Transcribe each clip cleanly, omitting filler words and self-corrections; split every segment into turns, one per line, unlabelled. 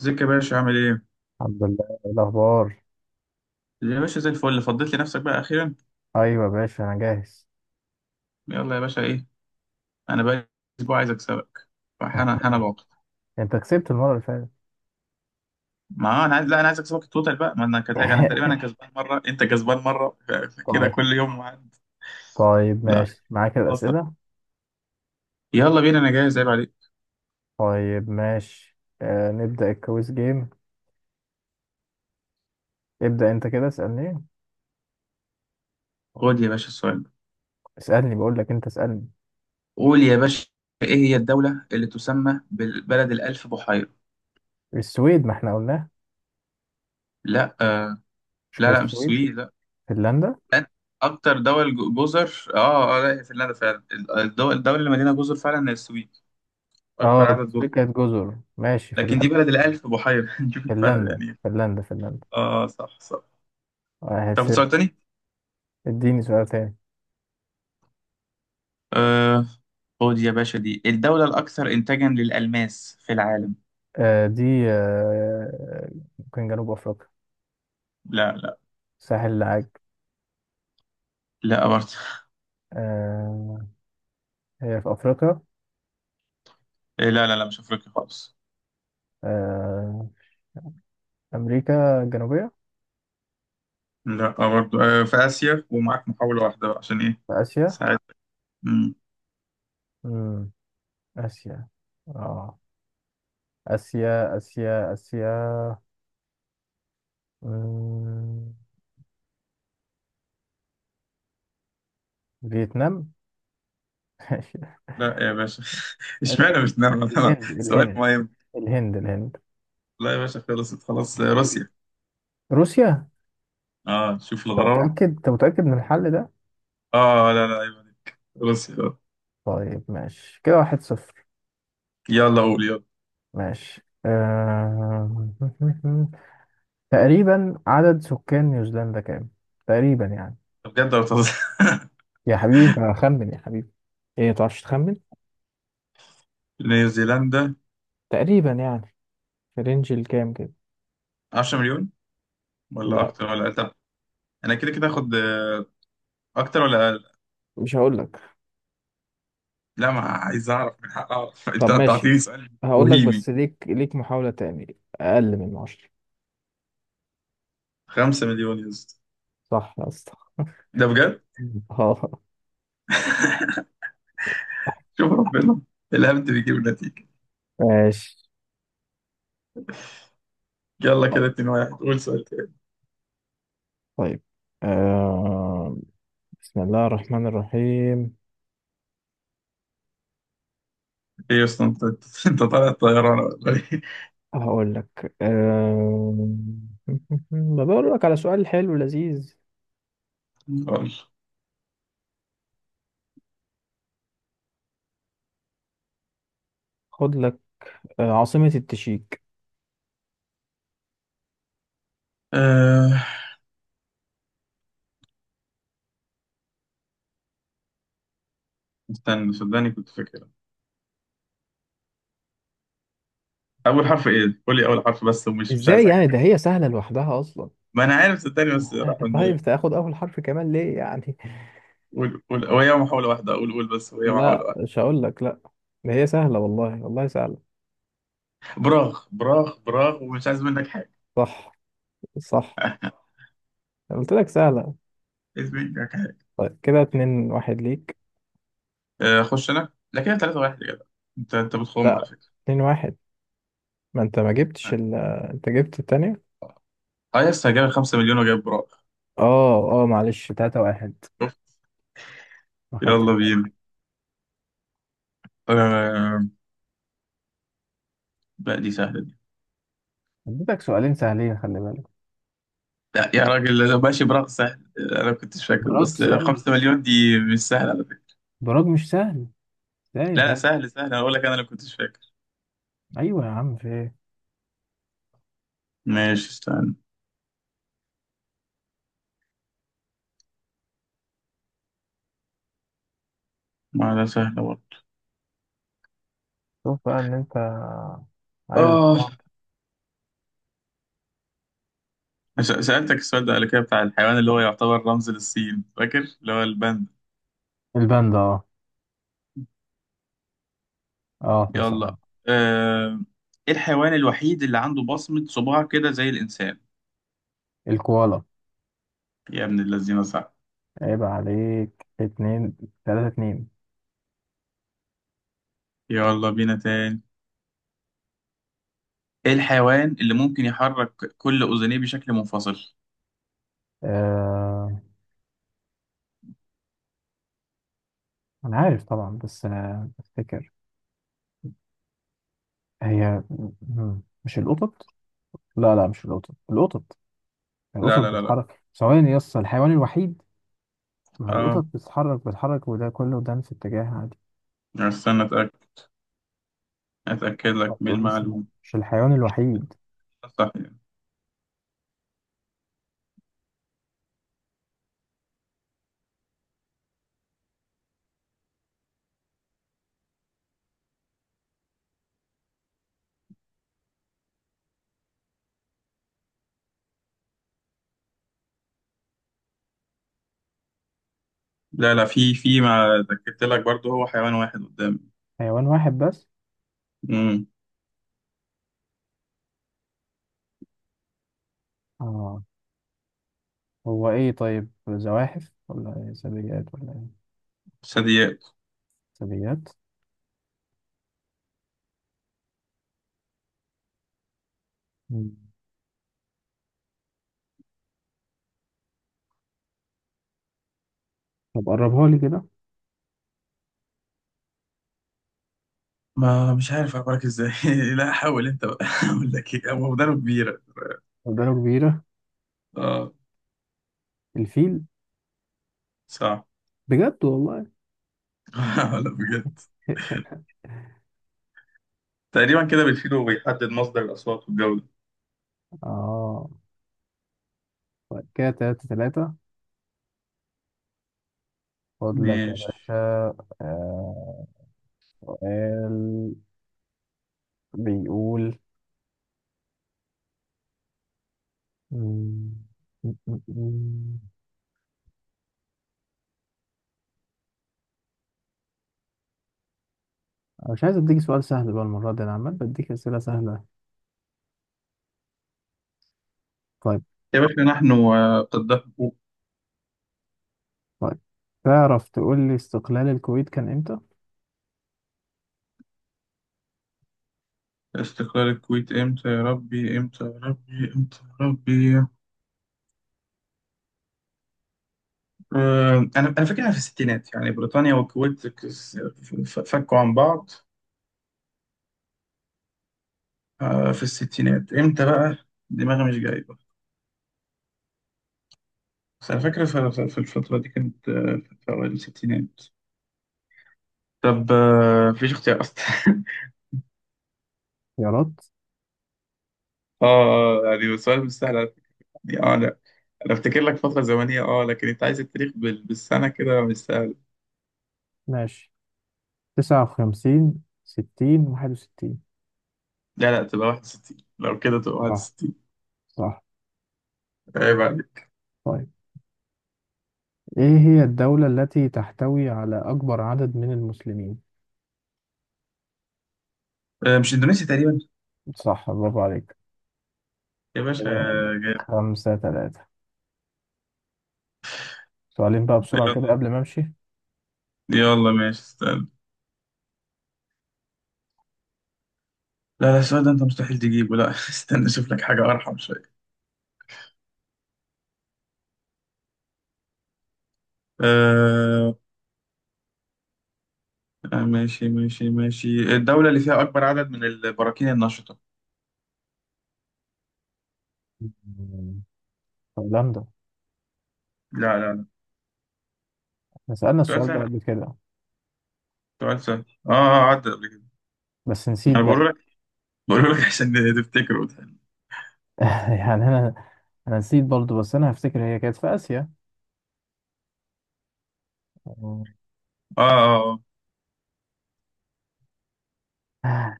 ازيك يا باشا؟ عامل ايه؟
الحمد لله، إيه الاخبار؟
يا باشا زي الفل، فضيت لي نفسك بقى اخيرا.
ايوه يا باشا، انا جاهز.
يلا يا باشا ايه؟ انا بقى اسبوع عايز اكسبك، فحنا العقد.
انت كسبت المره اللي فاتت.
ما انا عايز، لا، انا عايز اكسبك التوتال بقى. ما انا كتاج، انا تقريبا انا كسبان مره، انت كسبان مره. فكده
طيب،
كل يوم عند.
طيب،
لا،
ماشي معاك
خلاص،
الاسئله.
يلا بينا انا جاهز، عيب عليك.
طيب ماشي، نبدا الكويس جيم. ابدا، انت كده اسالني.
خد يا باشا السؤال ده.
اسالني، بقول لك انت اسالني.
قول يا باشا. ايه هي الدوله اللي تسمى بالبلد الالف بحيره؟
السويد؟ ما احنا قلناه.
لا، آه.
مش
لا،
كانت
لا، مش
السويد؟
السويد، لا.
فنلندا.
لا، اكتر دول جزر، لا، هي فنلندا فعلا. الدول الدول الدوله اللي مليانه جزر فعلا هي السويد، أكبر
اه،
عدد جزر.
السويد كانت جزر. ماشي،
لكن دي
فنلندا،
بلد الألف بحيرة. نشوف الفرق
فنلندا،
يعني.
فنلندا، فنلدا.
آه، صح صح.
واحد
تاخد
صفر
سؤال تاني؟
اديني سؤال تاني.
آه. خد يا باشا، دي الدولة الأكثر إنتاجا للألماس في العالم.
آه، دي، آه ممكن جنوب افريقيا.
لا، لا،
ساحل العاج.
لا برضه.
آه، هي في أفريقيا.
لا، لا، لا، مش أفريقيا خالص.
آه، أمريكا الجنوبية.
لا برضه. في آسيا، ومعاك محاولة واحدة بقى عشان إيه؟
في آسيا.
ساعات. مم.
مم. آسيا. آه آسيا، آسيا، آسيا. مم. فيتنام.
لا يا باشا. اشمعنى
الهند،
مش نرمى؟
الهند،
سؤال
الهند،
مهم.
الهند، الهند.
لا يا باشا، خلصت خلاص. روسيا.
روسيا.
اه شوف
أنت
الغرابة.
متأكد، أنت متأكد من الحل ده؟
اه لا لا، عيب عليك، روسيا.
طيب ماشي كده 1-0.
يلا، قول يلا.
ماشي، تقريبا عدد سكان نيوزيلندا كام؟ تقريبا يعني.
بجد ولا بتهزر؟
يا حبيبي، أنت خمن يا حبيبي. إيه، ما تعرفش تخمن؟
نيوزيلندا.
تقريبا يعني، في رينج الكام كده؟
10 مليون، ولا
لا،
اكتر ولا أقل؟ طب، انا كده كده هاخد. اكتر ولا أقل؟
مش هقول لك.
لا، ما عايز اعرف، من حق اعرف.
طب
انت
ماشي.
بتعطيني سؤال
هقول لك، بس
بوهيمي.
ليك محاولة تاني أقل من 10.
5 مليون يا اسطى.
صح يا اسطى.
ده بجد.
اه،
شوف ربنا، الهبد بيجيب النتيجة.
ماشي.
يلا كده 2-1، قول سؤال تاني.
طيب، آه... بسم الله الرحمن الرحيم.
ايه يا اسطى انت؟ أنت طالع الطيران ولا ايه؟
هقول لك، بدور لك على سؤال حلو لذيذ.
خالص.
خد لك. عاصمة التشيك.
أه... استنى، صدقني كنت فاكر. اول حرف ايه؟ قول لي اول حرف بس، ومش مش
ازاي
عايز حاجة
يعني؟ ده
تانية.
هي سهلة لوحدها أصلا.
ما انا عارف، صدقني بس راح من.
طيب تاخد أول حرف كمان ليه يعني؟
قول، قول، هو هي محاولة واحدة، قول قول بس، هو هي
لا،
محاولة.
مش هقول لك، لا. ده هي سهلة، والله، والله سهلة.
براغ براغ براغ، ومش عايز منك حاجة.
صح، صح. أنا قلت لك سهلة.
عايز منك حاجة.
طيب كده 2-1 ليك.
آه، أخش أنا، لا كده 3 واحد يا جدع. أنت بتخم على
لا،
فكرة.
2-1. ما انت ما جبتش انت جبت التانية.
أه، يس، جايب 5 مليون وجايب براغ.
اه، اه، معلش، 3 واحد.
شوف،
ما خدتش
يلا
بالي.
بينا. آه، بقى دي سهلة دي.
اديتك سؤالين سهلين، خلي بالك.
لا يا راجل، لا، ماشي، براغ سهل، آه، أنا ما كنتش فاكره،
براج
بس
سهل.
5 مليون دي مش سهلة على فكرة.
براج مش سهل. ازاي يا
لا لا،
جدع؟
سهل سهل، أنا بقول لك أنا اللي ما كنتش فاكر.
ايوه يا عم، في ايه؟
ماشي، استنى، ما ده سهل برضه.
شوف بقى، ان انت عايز
آه
تصبح.
سألتك السؤال ده قبل كده بتاع الحيوان اللي هو يعتبر رمز للصين، فاكر اللي هو الباندا.
الباندا، اه. اه، احنا سهل.
يلا آه، ايه الحيوان الوحيد اللي عنده بصمة صباع كده زي الإنسان؟
الكوالا.
يا ابن الذين صح.
عيب عليك، 3-2.
يلا بينا تاني. ايه الحيوان اللي ممكن يحرك كل أذنيه بشكل منفصل؟
آه، أنا عارف طبعا، بس أنا بفتكر. هي. مش القطط. لا، لا، مش القطط. القطط، القطط
لا لا لا لا.
بتتحرك ثواني يا اسطى، الحيوان الوحيد؟ ما القطط
اه
بتتحرك، بتتحرك، وده كله ده في اتجاه عادي.
استنى أتأكد، أتأكد
ما
لك من
تقولش،
المعلومة.
مش الحيوان الوحيد؟
صح يعني. لا لا، في في ما اتأكدت لك برضه، هو حيوان واحد قدامي.
حيوان واحد بس؟
امم
آه. هو إيه طيب، زواحف ولا إيه؟ ثدييات ولا إيه؟
ثدييات.
ثدييات. مم. طب قربها لي كده.
ما مش عارف أخبرك ازاي. لا، حاول انت بقى. اقول لك ايه، هو مدرب كبيرة.
قدرة كبيرة.
اه.
الفيل.
صح.
بجد والله؟
لا بجد. تقريبا كده بيشيل وبيحدد مصدر الأصوات والجودة.
آه. طيب كده 3-3. خد لك يا
ماشي
باشا. آه، سؤال بيقول. مم، مم، مم، مم. أنا مش عايز أديك سؤال سهل بقى المرة دي، أنا عمال بديك أسئلة سهلة. طيب.
يا باشا، نحن وقد حقوق.
طيب، تعرف تقول لي استقلال الكويت كان إمتى؟
استقلال الكويت امتى؟ يا ربي امتى؟ يا ربي امتى يا ربي؟ انا فاكرها في الستينات، يعني بريطانيا والكويت فكوا عن بعض. في الستينات امتى بقى؟ دماغي مش جايبه. بس انا فاكر في الفترة دي كانت، في اوائل الستينات. طب. مفيش اختيار اصلا.
اختيارات؟
يعني السؤال مش سهل على فكرة. يعني اه انا افتكر لك فتره زمنيه، لكن انت عايز التاريخ بالسنه، كده مش سهل.
ماشي، 59، 60، 61.
لا لا، تبقى 61، لو كده تبقى
صح،
61.
صح.
عيب عليك.
طيب، إيه هي الدولة التي تحتوي على أكبر عدد من المسلمين؟
مش اندونيسي تقريبا؟
صح، برافو عليك.
يا باشا
كده
آه، جامد.
5-3. سؤالين بقى بسرعة كده
يلا.
قبل ما أمشي.
يلا ماشي، استنى. لا لا، السؤال ده انت مستحيل تجيبه، لا. استنى اشوف لك حاجه ارحم شويه. آه، آه، ماشي ماشي ماشي. الدوله اللي فيها اكبر عدد من البراكين النشطه.
مم. هولندا.
لا لا لا.
احنا سألنا
سؤال
السؤال ده
سهل،
قبل كده.
سؤال سهل، عدى قبل كده.
بس نسيت
انا
برضه.
بقول لك، بقول لك عشان تفتكره وتحل.
يعني، انا نسيت برضه، بس انا هفتكر هي كانت في اسيا. مم.
اه اه،
آه،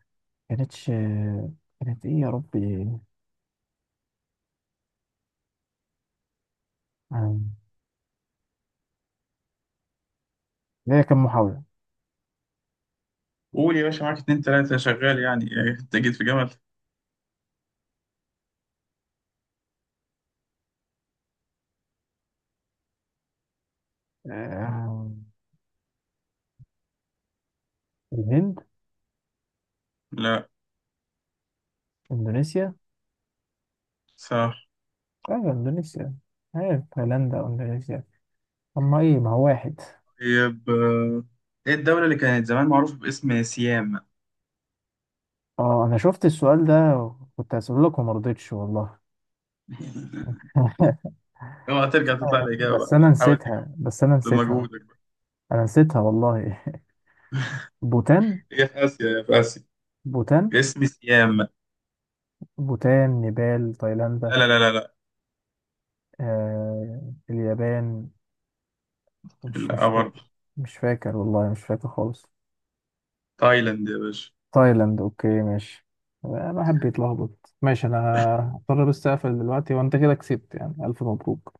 كانتش كانت ايه يا ربي. مم. هي كان محاولة.
قول يا باشا، معاك اتنين تلاتة شغال، يعني إيه، انت جيت في جمل.
آه، الهند.
لا.
اندونيسيا.
صح.
ايوه، اندونيسيا. ايوه، هولندا واندونيسيا. اما ايه، ما هو واحد.
طيب. ايه الدولة اللي كانت زمان معروفة باسم سيام؟
اه، انا شفت السؤال ده وكنت هسأله لك وما رضيتش والله.
اوعى ترجع تطلع الإجابة
بس
بقى،
انا
لا، حاول تجاوب
نسيتها، بس انا نسيتها.
بمجهودك بقى.
انا نسيتها والله. بوتان.
هي في آسيا، هي في آسيا.
بوتان،
اسم سيام، لا.
بوتان، نيبال، تايلاندا.
لا لا لا.
آه، اليابان.
لا
مش
لا
فاكر.
برضه.
مش فاكر والله، مش فاكر خالص.
تايلاند يا باشا.
تايلاند، اوكي، ماشي. آه، بحب يتلخبط. ماشي انا هضطر بس اقفل دلوقتي، وانت كده كسبت يعني، الف مبروك.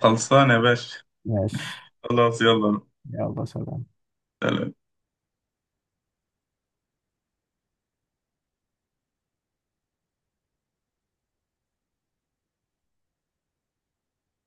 خلصانة يا باشا.
ماشي.
خلاص، يلا.
يلا، سلام.